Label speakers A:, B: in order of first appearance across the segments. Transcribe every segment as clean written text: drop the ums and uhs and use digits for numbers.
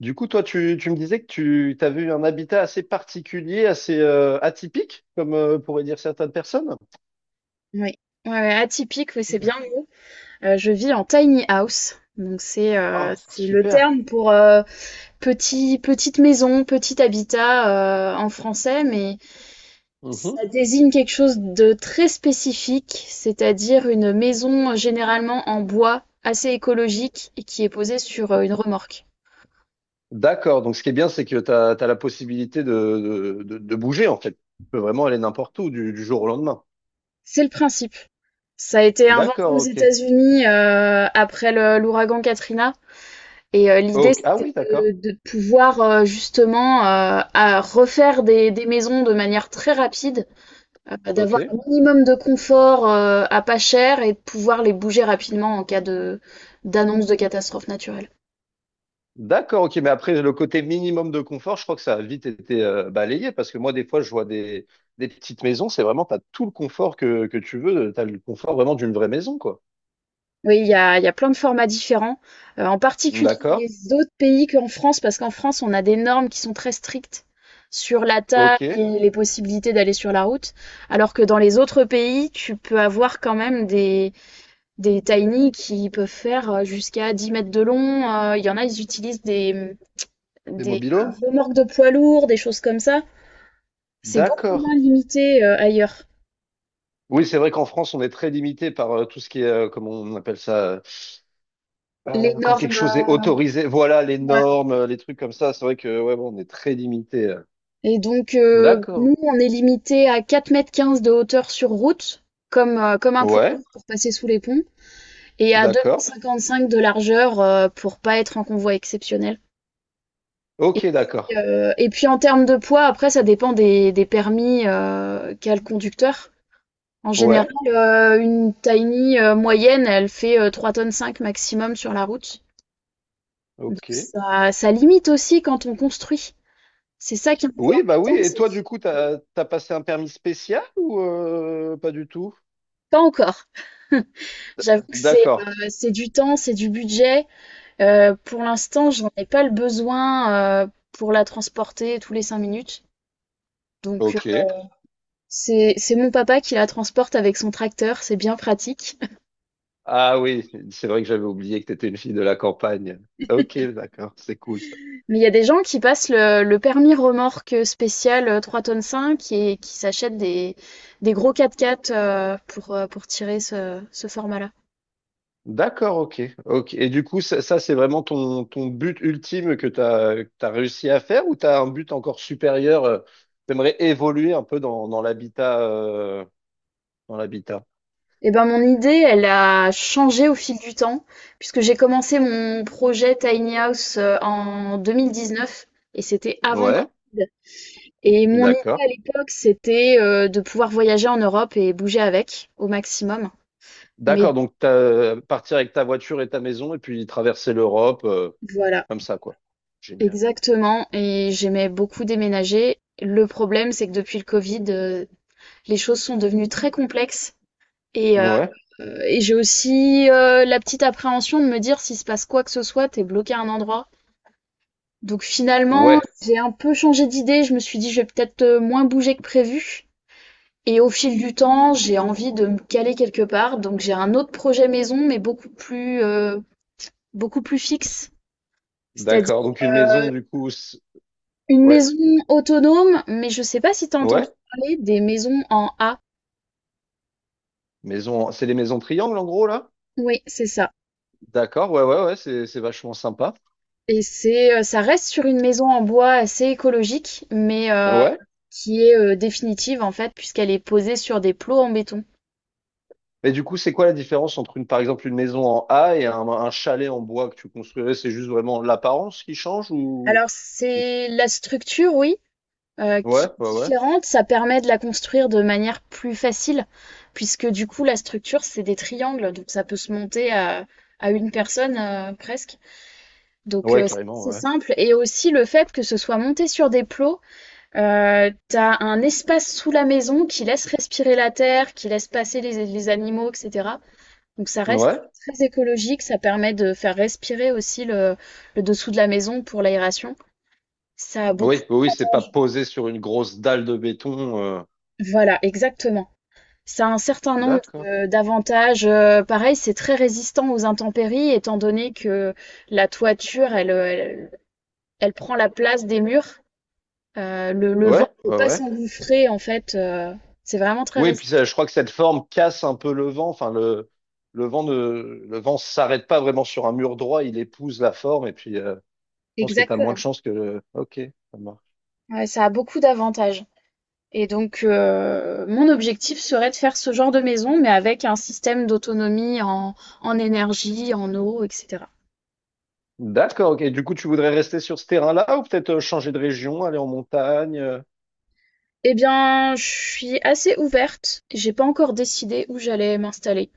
A: Du coup, toi, tu me disais que tu avais eu un habitat assez particulier, assez atypique, comme pourraient dire certaines personnes.
B: Oui. Ouais, ouais, atypique, oui, c'est bien le mot. Je vis en tiny house. Donc c'est euh,
A: Ah, c'est
B: c'est le
A: super.
B: terme pour petite maison, petit habitat en français, mais
A: Mhm.
B: ça désigne quelque chose de très spécifique, c'est-à-dire une maison généralement en bois assez écologique et qui est posée sur une remorque.
A: D'accord. Donc, ce qui est bien, c'est que tu as la possibilité de bouger, en fait. Tu peux vraiment aller n'importe où du jour au lendemain.
B: C'est le principe. Ça a été inventé
A: D'accord,
B: aux
A: ok.
B: États-Unis après l'ouragan Katrina. L'idée,
A: Ok. Ah
B: c'était
A: oui, d'accord.
B: de pouvoir, justement, à refaire des maisons de manière très rapide, d'avoir
A: Ok.
B: un minimum de confort, à pas cher et de pouvoir les bouger rapidement en cas de d'annonce de catastrophe naturelle.
A: D'accord, ok. Mais après, le côté minimum de confort, je crois que ça a vite été balayé, parce que moi, des fois, je vois des petites maisons, c'est vraiment, t'as tout le confort que tu veux. T'as le confort vraiment d'une vraie maison, quoi.
B: Oui, il y a plein de formats différents, en particulier dans
A: D'accord.
B: les autres pays qu'en France, parce qu'en France, on a des normes qui sont très strictes sur la taille
A: Ok.
B: et les possibilités d'aller sur la route, alors que dans les autres pays, tu peux avoir quand même des tiny qui peuvent faire, jusqu'à 10 mètres de long, il y en a, ils utilisent des, mmh,
A: Des
B: des
A: mobilos?
B: remorques de poids lourds, des choses comme ça. C'est beaucoup
A: D'accord.
B: moins limité, ailleurs.
A: Oui, c'est vrai qu'en France, on est très limité par tout ce qui est, comment on appelle ça,
B: Les
A: quand quelque
B: normes,
A: chose est autorisé. Voilà, les
B: ouais
A: normes, les trucs comme ça. C'est vrai que, ouais, bon, on est très limité.
B: Et donc
A: D'accord.
B: nous, on est limité à 4,15 mètres de hauteur sur route, comme, comme un poids lourd
A: Ouais,
B: pour passer sous les ponts, et à deux mètres
A: d'accord.
B: cinquante cinq de largeur, pour pas être en convoi exceptionnel, et
A: Ok,
B: puis,
A: d'accord.
B: heu et puis en termes de poids, après, ça dépend des permis, qu'a le conducteur. En général,
A: Ouais,
B: une tiny, moyenne, elle fait, 3,5 tonnes cinq maximum sur la route. Donc
A: ok.
B: ça limite aussi quand on construit. C'est ça qui est un peu
A: Oui, bah oui.
B: embêtant,
A: Et
B: c'est
A: toi,
B: qu'il
A: du coup, t'as passé un permis spécial ou pas du tout?
B: pas encore. J'avoue que
A: D'accord.
B: c'est du temps, c'est du budget. Pour l'instant, j'en ai pas le besoin, pour la transporter tous les 5 minutes. Donc
A: Ok.
B: c'est mon papa qui la transporte avec son tracteur, c'est bien pratique.
A: Ah oui, c'est vrai que j'avais oublié que t'étais une fille de la campagne. Ok, d'accord. C'est cool ça.
B: Mais il y a des gens qui passent le permis remorque spécial 3 tonnes 5 et qui s'achètent des gros quatre-quatre pour tirer ce, ce format-là.
A: D'accord, ok, ok. Et du coup, c'est vraiment ton but ultime que tu as réussi à faire, ou tu as un but encore supérieur? T'aimerais évoluer un peu dans l'habitat.
B: Eh ben, mon idée, elle a changé au fil du temps, puisque j'ai commencé mon projet Tiny House en 2019, et c'était avant le
A: Ouais,
B: Covid. Et mon idée
A: d'accord.
B: à l'époque, c'était de pouvoir voyager en Europe et bouger avec au maximum. Mais
A: D'accord, donc t'as, partir avec ta voiture et ta maison et puis traverser l'Europe,
B: voilà.
A: comme ça, quoi. Génial.
B: Exactement, et j'aimais beaucoup déménager. Le problème, c'est que depuis le Covid, les choses sont devenues très complexes et heu
A: Ouais,
B: et j'ai aussi, la petite appréhension de me dire s'il se passe quoi que ce soit, tu bloqué à un endroit. Donc finalement,
A: ouais,
B: j'ai un peu changé d'idée, je me suis dit: «Je vais peut-être, moins bouger que prévu», et au fil du temps, j'ai envie de me caler quelque part. Donc j'ai un autre projet maison, mais beaucoup plus fixe. C'est-à-dire,
A: d'accord. Donc une maison,
B: euh,
A: du coup, c'est-
B: Une
A: ouais,
B: maison autonome, mais je sais pas si t'as entendu
A: ouais.
B: parler des maisons en A.
A: Maison, c'est les maisons triangles en gros, là?
B: Oui, c'est ça.
A: D'accord, ouais, ouais, ouais, c'est vachement sympa.
B: Ça reste sur une maison en bois assez écologique, mais
A: Ouais.
B: qui est définitive en fait, puisqu'elle est posée sur des plots en béton.
A: Mais du coup, c'est quoi la différence entre une, par exemple, une maison en A et un chalet en bois que tu construirais? C'est juste vraiment l'apparence qui change, ou?
B: Alors c'est la structure, oui, qui
A: Ouais,
B: est
A: ouais, ouais.
B: différente. Ça permet de la construire de manière plus facile, puisque du coup la structure c'est des triangles, donc ça peut se monter à une personne presque. Donc
A: Ouais, carrément,
B: c'est
A: ouais.
B: simple. Et aussi le fait que ce soit monté sur des plots, t'as un espace sous la maison qui laisse respirer la terre, qui laisse passer les animaux, etc. Donc ça reste
A: Ouais.
B: très écologique, ça permet de faire respirer aussi le dessous de la maison pour l'aération. Ça a beaucoup.
A: Oui, oui, oui, c'est pas posé sur une grosse dalle de béton.
B: Voilà, exactement. Ça a un certain nombre
A: D'accord.
B: d'avantages. Pareil, c'est très résistant aux intempéries, étant donné que la toiture, elle prend la place des murs. Le vent
A: Ouais,
B: ne peut
A: ouais,
B: pas
A: ouais.
B: s'engouffrer, en fait. C'est vraiment très
A: Oui, puis
B: résistant.
A: ça, je crois que cette forme casse un peu le vent. Enfin, le vent ne, le vent s'arrête pas vraiment sur un mur droit. Il épouse la forme et puis, je pense que t'as moins de
B: Exactement.
A: chance que le, ok. Ça marche.
B: Ouais, ça a beaucoup d'avantages. Et donc, mon objectif serait de faire ce genre de maison, mais avec un système d'autonomie en énergie, en eau, etc.
A: D'accord, ok. Du coup, tu voudrais rester sur ce terrain-là ou peut-être changer de région, aller en montagne?
B: Eh bien, je suis assez ouverte. J'ai pas encore décidé où j'allais m'installer.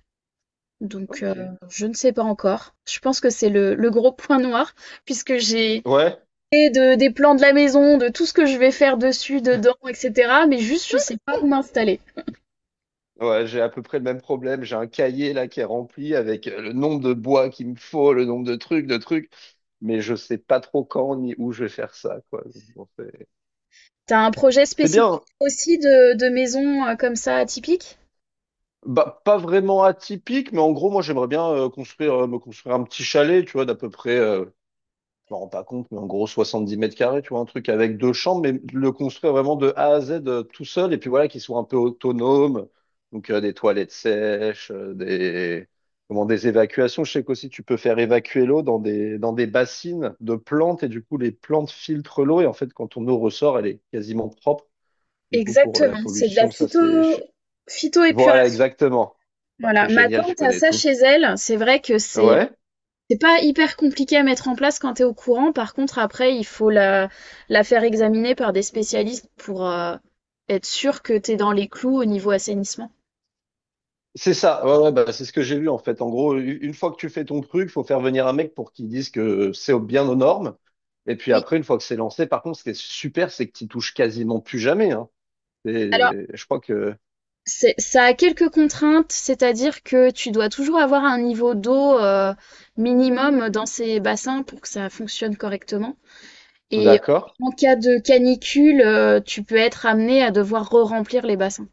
B: Donc,
A: Ok.
B: je ne sais pas encore. Je pense que c'est le gros point noir, puisque j'ai
A: Ouais,
B: de des plans de la maison, de tout ce que je vais faire dessus, dedans, etc. Mais juste, je sais pas où m'installer.
A: ouais, j'ai à peu près le même problème. J'ai un cahier là qui est rempli avec le nombre de bois qu'il me faut, le nombre de trucs, mais je sais pas trop quand ni où je vais faire ça, quoi. Donc, bon, c'est
B: T'as un projet
A: c'est
B: spécifique
A: bien. Hein.
B: aussi de maison comme ça, atypique?
A: Bah, pas vraiment atypique, mais en gros, moi, j'aimerais bien construire, me construire un petit chalet, tu vois, d'à peu près je me rends pas compte, mais en gros 70 mètres carrés, tu vois, un truc avec deux chambres, mais le construire vraiment de A à Z, tout seul, et puis voilà, qu'il soit un peu autonome, donc des toilettes sèches, des évacuations. Je sais qu'aussi tu peux faire évacuer l'eau dans des bassines de plantes, et du coup les plantes filtrent l'eau, et en fait quand ton eau ressort, elle est quasiment propre. Du coup pour la
B: Exactement, c'est de la
A: pollution, voilà
B: phytoépuration.
A: exactement. Putain, t'es
B: Voilà, ma
A: génial, tu
B: tante a
A: connais
B: ça
A: tout.
B: chez elle. C'est vrai que c'est
A: Ouais.
B: c'est pas hyper compliqué à mettre en place quand t'es au courant. Par contre, après, il faut la faire examiner par des spécialistes pour être sûr que t'es dans les clous au niveau assainissement.
A: C'est ça, ouais, ouais, bah, c'est ce que j'ai lu en fait. En gros, une fois que tu fais ton truc, faut faire venir un mec pour qu'il dise que c'est bien aux normes. Et puis
B: Oui.
A: après, une fois que c'est lancé, par contre, ce qui est super, c'est que tu touches quasiment plus jamais. Hein.
B: Alors
A: Et je crois que.
B: C'est, ça a quelques contraintes, c'est-à-dire que tu dois toujours avoir un niveau d'eau minimum dans ces bassins pour que ça fonctionne correctement. Et
A: D'accord.
B: en cas de canicule, tu peux être amené à devoir re-remplir les bassins.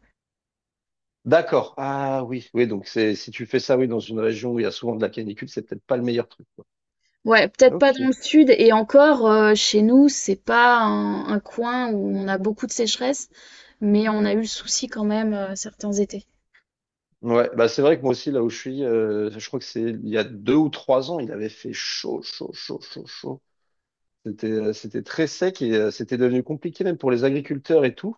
A: D'accord. Ah oui, oui, donc c'est, si tu fais ça, oui, dans une région où il y a souvent de la canicule, c'est peut-être pas le meilleur truc. Quoi.
B: Ouais, peut-être pas dans
A: Ok.
B: le sud, et encore, chez nous, c'est pas un coin où on a beaucoup de sécheresse, mais on a eu le souci quand même certains étés.
A: Ouais, bah c'est vrai que moi aussi, là où je suis, je crois que c'est il y a deux ou trois ans, il avait fait chaud, chaud, chaud, chaud, chaud. C'était, c'était très sec et c'était devenu compliqué même pour les agriculteurs et tout.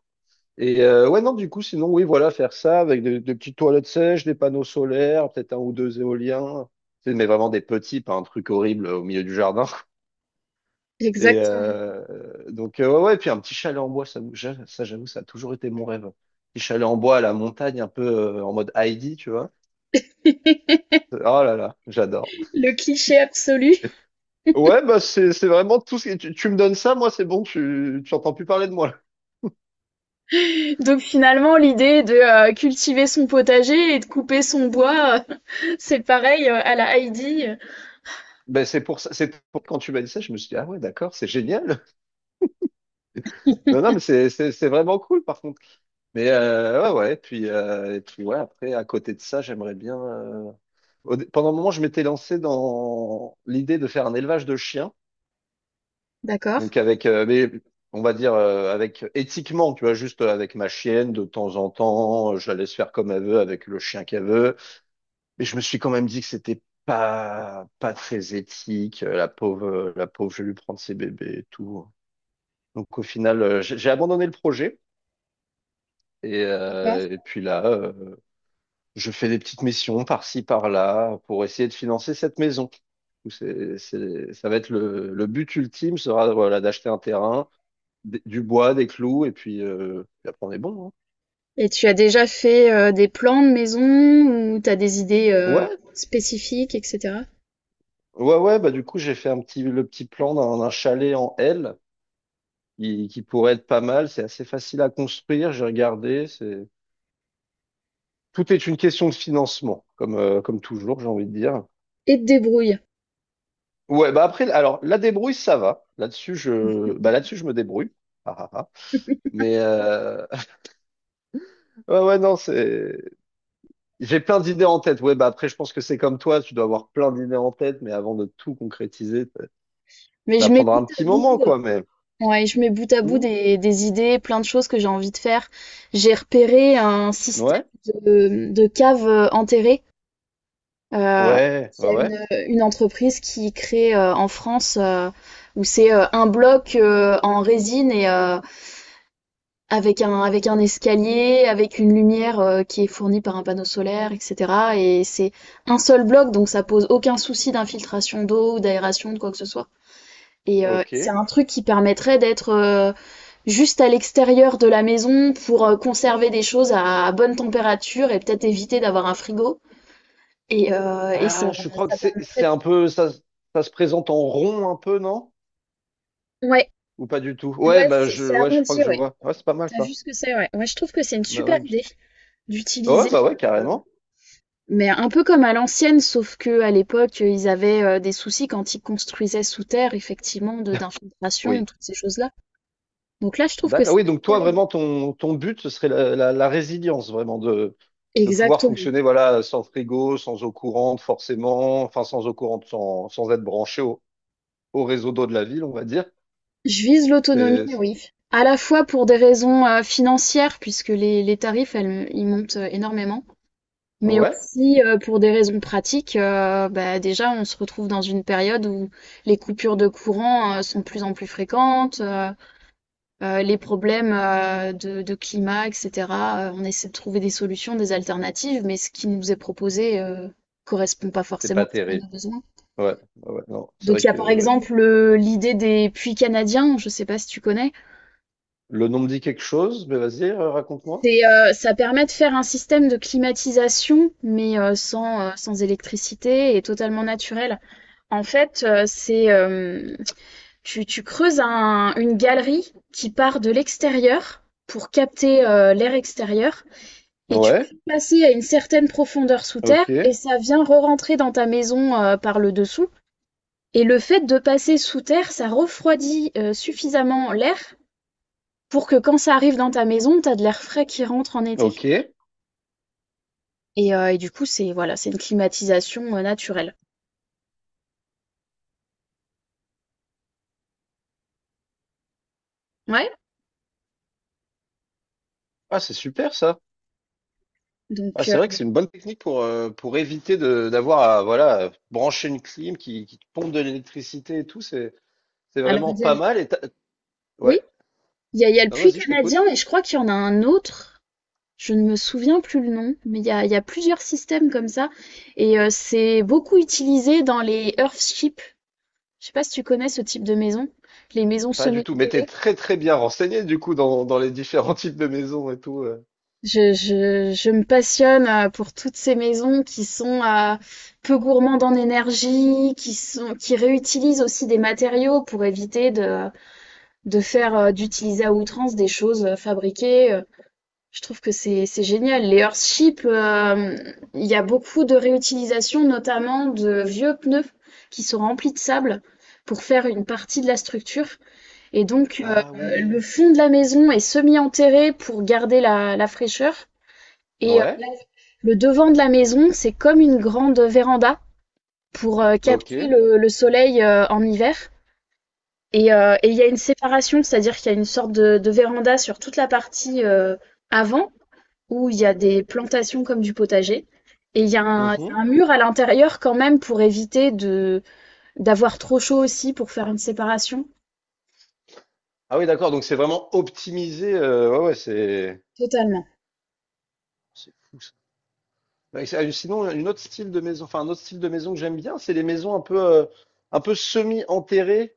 A: Et ouais, non, du coup, sinon, oui, voilà, faire ça avec des petites toilettes sèches, des panneaux solaires, peut-être un ou deux éoliens. Tu sais, mais vraiment des petits, pas un truc horrible au milieu du jardin. Et
B: Exactement.
A: ouais, ouais, et puis un petit chalet en bois, ça, ça j'avoue, ça a toujours été mon rêve. Petit chalet en bois à la montagne, un peu en mode Heidi, tu vois. Oh là là, j'adore.
B: Le cliché absolu.
A: Ouais, bah c'est vraiment tout, ce que tu me donnes ça, moi c'est bon, tu entends plus parler de moi.
B: Donc finalement, l'idée de cultiver son potager et de couper son bois, c'est pareil à la Heidi.
A: Ben c'est pour ça, quand tu m'as dit ça, je me suis dit, ah ouais, d'accord, c'est génial. Non, non, mais c'est vraiment cool par contre. Mais ouais, ouais, puis, et puis ouais, après, à côté de ça, j'aimerais bien. Pendant un moment, je m'étais lancé dans l'idée de faire un élevage de chiens.
B: D'accord.
A: Donc avec, mais on va dire avec éthiquement, tu vois, juste avec ma chienne, de temps en temps, je la laisse faire comme elle veut avec le chien qu'elle veut. Mais je me suis quand même dit que c'était pas très éthique. La pauvre, je vais lui prendre ses bébés et tout. Donc au final, j'ai abandonné le projet, et,
B: D'accord.
A: euh, et puis là, euh, je fais des petites missions par-ci, par-là pour essayer de financer cette maison. Ça va être le, but ultime, sera voilà, d'acheter un terrain, du bois, des clous et puis, puis après on est bon. Hein.
B: Et tu as déjà fait des plans de maison, ou tu as des idées
A: Ouais,
B: spécifiques, etc.
A: ouais, ouais. Bah du coup j'ai fait un petit, le petit plan d'un chalet en L qui pourrait être pas mal. C'est assez facile à construire. J'ai regardé. C'est, tout est une question de financement, comme comme toujours, j'ai envie de dire.
B: Et te débrouille.
A: Ouais, bah après, alors la débrouille, ça va. Là-dessus, je, bah là-dessus, je me débrouille. Ah, ah, ah. Mais ouais, ouais, non, c'est. J'ai plein d'idées en tête. Ouais, bah après, je pense que c'est comme toi, tu dois avoir plein d'idées en tête, mais avant de tout concrétiser, ça
B: Mais
A: ça
B: je mets
A: prendra
B: bout
A: un
B: à
A: petit
B: bout,
A: moment, quoi. Mais
B: ouais, je mets bout à bout
A: Hmm.
B: des idées, plein de choses que j'ai envie de faire. J'ai repéré un système
A: Ouais,
B: de caves enterrées. Heu,
A: ouais, ouais,
B: c'est une,
A: ouais.
B: heu, une entreprise qui crée, en France, où c'est, un bloc, en résine avec un escalier, avec une lumière, qui est fournie par un panneau solaire, et cetera, et c'est un seul bloc, donc ça pose aucun souci d'infiltration d'eau, d'aération, de quoi que ce soit,
A: Ok.
B: c'est un truc qui permettrait d'être, juste à l'extérieur de la maison pour, conserver des choses à bonne température et peut-être éviter d'avoir un frigo, et ça
A: Ah, je crois que
B: ça
A: c'est
B: permettrait,
A: un peu ça, ça se présente en rond un peu, non?
B: ouais.
A: Ou pas du tout? Ouais,
B: Ouais, c'est c'est
A: ouais, je crois
B: arrondi,
A: que je
B: ouais.
A: vois. Ouais, c'est pas mal
B: T'as vu
A: ça.
B: ce que c'est, ouais. Ouais, je trouve que c'est une
A: Bah
B: super
A: ouais, je-
B: idée
A: ouais,
B: d'utiliser,
A: bah ouais,
B: euh,
A: carrément.
B: mais un peu comme à l'ancienne, sauf que à l'époque, ils avaient des soucis quand ils construisaient sous terre, effectivement, de d'infiltration,
A: Oui.
B: toutes ces choses-là. Donc là, je trouve que
A: D'accord.
B: c'est
A: Oui,
B: une
A: donc toi,
B: super idée.
A: vraiment, ton but, ce serait la résilience, vraiment, de pouvoir
B: Exactement.
A: fonctionner, voilà, sans frigo, sans eau courante, forcément, enfin, sans eau courante, sans être branché au, au réseau d'eau de la ville, on va dire.
B: Je vise l'autonomie,
A: C'est-
B: oui. À la fois pour des raisons financières, puisque les tarifs, ils montent énormément. Mais
A: ouais,
B: aussi, pour des raisons pratiques, bah, déjà, on se retrouve dans une période où les coupures de courant, sont de plus en plus fréquentes, les problèmes, de climat et cetera, on essaie de trouver des solutions, des alternatives, mais ce qui nous est proposé, correspond pas
A: c'est
B: forcément
A: pas
B: à nos
A: terrible.
B: besoins.
A: Ouais, ouais, ouais, non, c'est
B: Donc
A: vrai
B: il y a,
A: que
B: par
A: ouais.
B: exemple, l'idée des puits canadiens, je sais pas si tu connais?
A: Le nom me dit quelque chose, mais vas-y, raconte-moi.
B: C'est, ça permet de faire un système de climatisation, mais, sans électricité et totalement naturel. En fait, c'est tu creuses une galerie qui part de l'extérieur pour capter l'air extérieur, et tu
A: Ouais,
B: peux passer à une certaine profondeur sous terre
A: ok,
B: et ça vient re-rentrer dans ta maison par le dessous. Et le fait de passer sous terre, ça refroidit suffisamment l'air pour que quand ça arrive dans ta maison, t'as de l'air frais qui rentre en été.
A: ok.
B: Et du coup, c'est voilà, c'est une climatisation naturelle. Ouais.
A: Ah, c'est super ça. Ah,
B: Donc,
A: c'est vrai que c'est une bonne technique pour éviter de d'avoir à voilà, brancher une clim qui te pompe de l'électricité et tout. C'est
B: alors,
A: vraiment pas mal et t'as-
B: oui.
A: Ouais.
B: Il y a le
A: Non,
B: puits
A: vas-y, je t'écoute.
B: canadien, et je crois qu'il y en a un autre. Je ne me souviens plus le nom, mais il y a plusieurs systèmes comme ça. Et c'est beaucoup utilisé dans les Earthships. Je sais pas si tu connais ce type de maison, les maisons
A: Pas du tout. Mais t'es
B: semi-enterrées.
A: très très bien renseigné du coup dans, dans les différents types de maisons et tout.
B: Je me passionne pour toutes ces maisons qui sont peu gourmandes en énergie, qui réutilisent aussi des matériaux pour éviter d'utiliser à outrance des choses fabriquées. Je trouve que c'est génial. Les Earthships, il y a beaucoup de réutilisation, notamment de vieux pneus qui sont remplis de sable pour faire une partie de la structure. Et donc,
A: Ah oui.
B: le fond de la maison est semi-enterré pour garder la fraîcheur. Et euh,
A: Ouais.
B: la- le devant de la maison, c'est comme une grande véranda pour
A: Ok.
B: capter le soleil en hiver. Et il y a une séparation, c'est-à-dire qu'il y a une sorte de véranda sur toute la partie avant, où il y a des plantations comme du potager. Et il y a un, il y
A: Mhm.
B: a un mur à l'intérieur quand même pour éviter de d'avoir trop chaud, aussi pour faire une séparation.
A: Ah oui, d'accord. Donc c'est vraiment optimisé. Ouais, ouais, c'est
B: Totalement.
A: c'est fou ça. Sinon, une autre style de maison, enfin un autre style de maison que j'aime bien, c'est les maisons un peu semi-enterrées.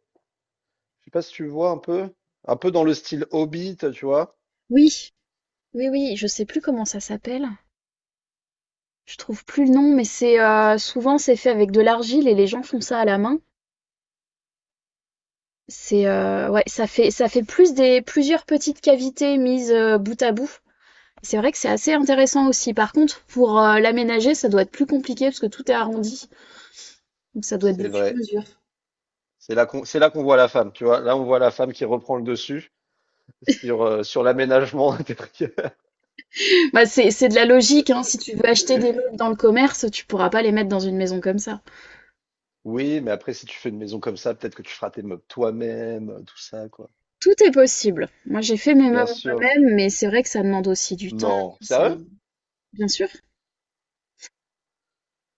A: Je sais pas si tu vois un peu dans le style Hobbit, tu vois.
B: Oui, oui, oui, je sais plus comment ça s'appelle. Je trouve plus le nom, mais c'est souvent c'est fait avec de l'argile et les gens font ça à la main. C'est ouais, ça fait plus des plusieurs petites cavités mises bout à bout. C'est vrai que c'est assez intéressant aussi. Par contre, pour l'aménager, ça doit être plus compliqué parce que tout est arrondi, donc ça doit être des
A: C'est vrai.
B: sur-mesures.
A: C'est là qu'on voit la femme, tu vois. Là, on voit la femme qui reprend le dessus sur, sur l'aménagement intérieur.
B: Bah, c'est de la logique, hein. Si tu veux acheter des meubles dans le commerce, tu pourras pas les mettre dans une maison comme ça.
A: Oui, mais après, si tu fais une maison comme ça, peut-être que tu feras tes meubles toi-même, tout ça, quoi.
B: Tout est possible. Moi, j'ai fait mes
A: Bien
B: meubles
A: sûr.
B: moi-même, mais c'est vrai que ça demande aussi du temps,
A: Non.
B: ça-
A: Sérieux?
B: bien sûr.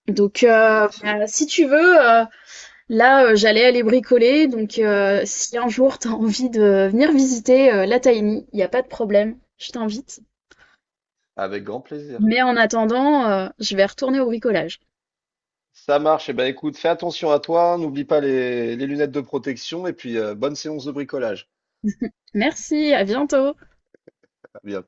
B: Donc,
A: Mais c'est
B: bah, si tu veux, là, j'allais aller bricoler. Donc, si un jour t'as envie de venir visiter la Tiny, il n'y a pas de problème, je t'invite.
A: avec grand plaisir.
B: Mais en attendant, je vais retourner au bricolage.
A: Ça marche. Eh ben, écoute, fais attention à toi. N'oublie pas les, les lunettes de protection et puis bonne séance de bricolage.
B: Merci, à bientôt!
A: À bientôt.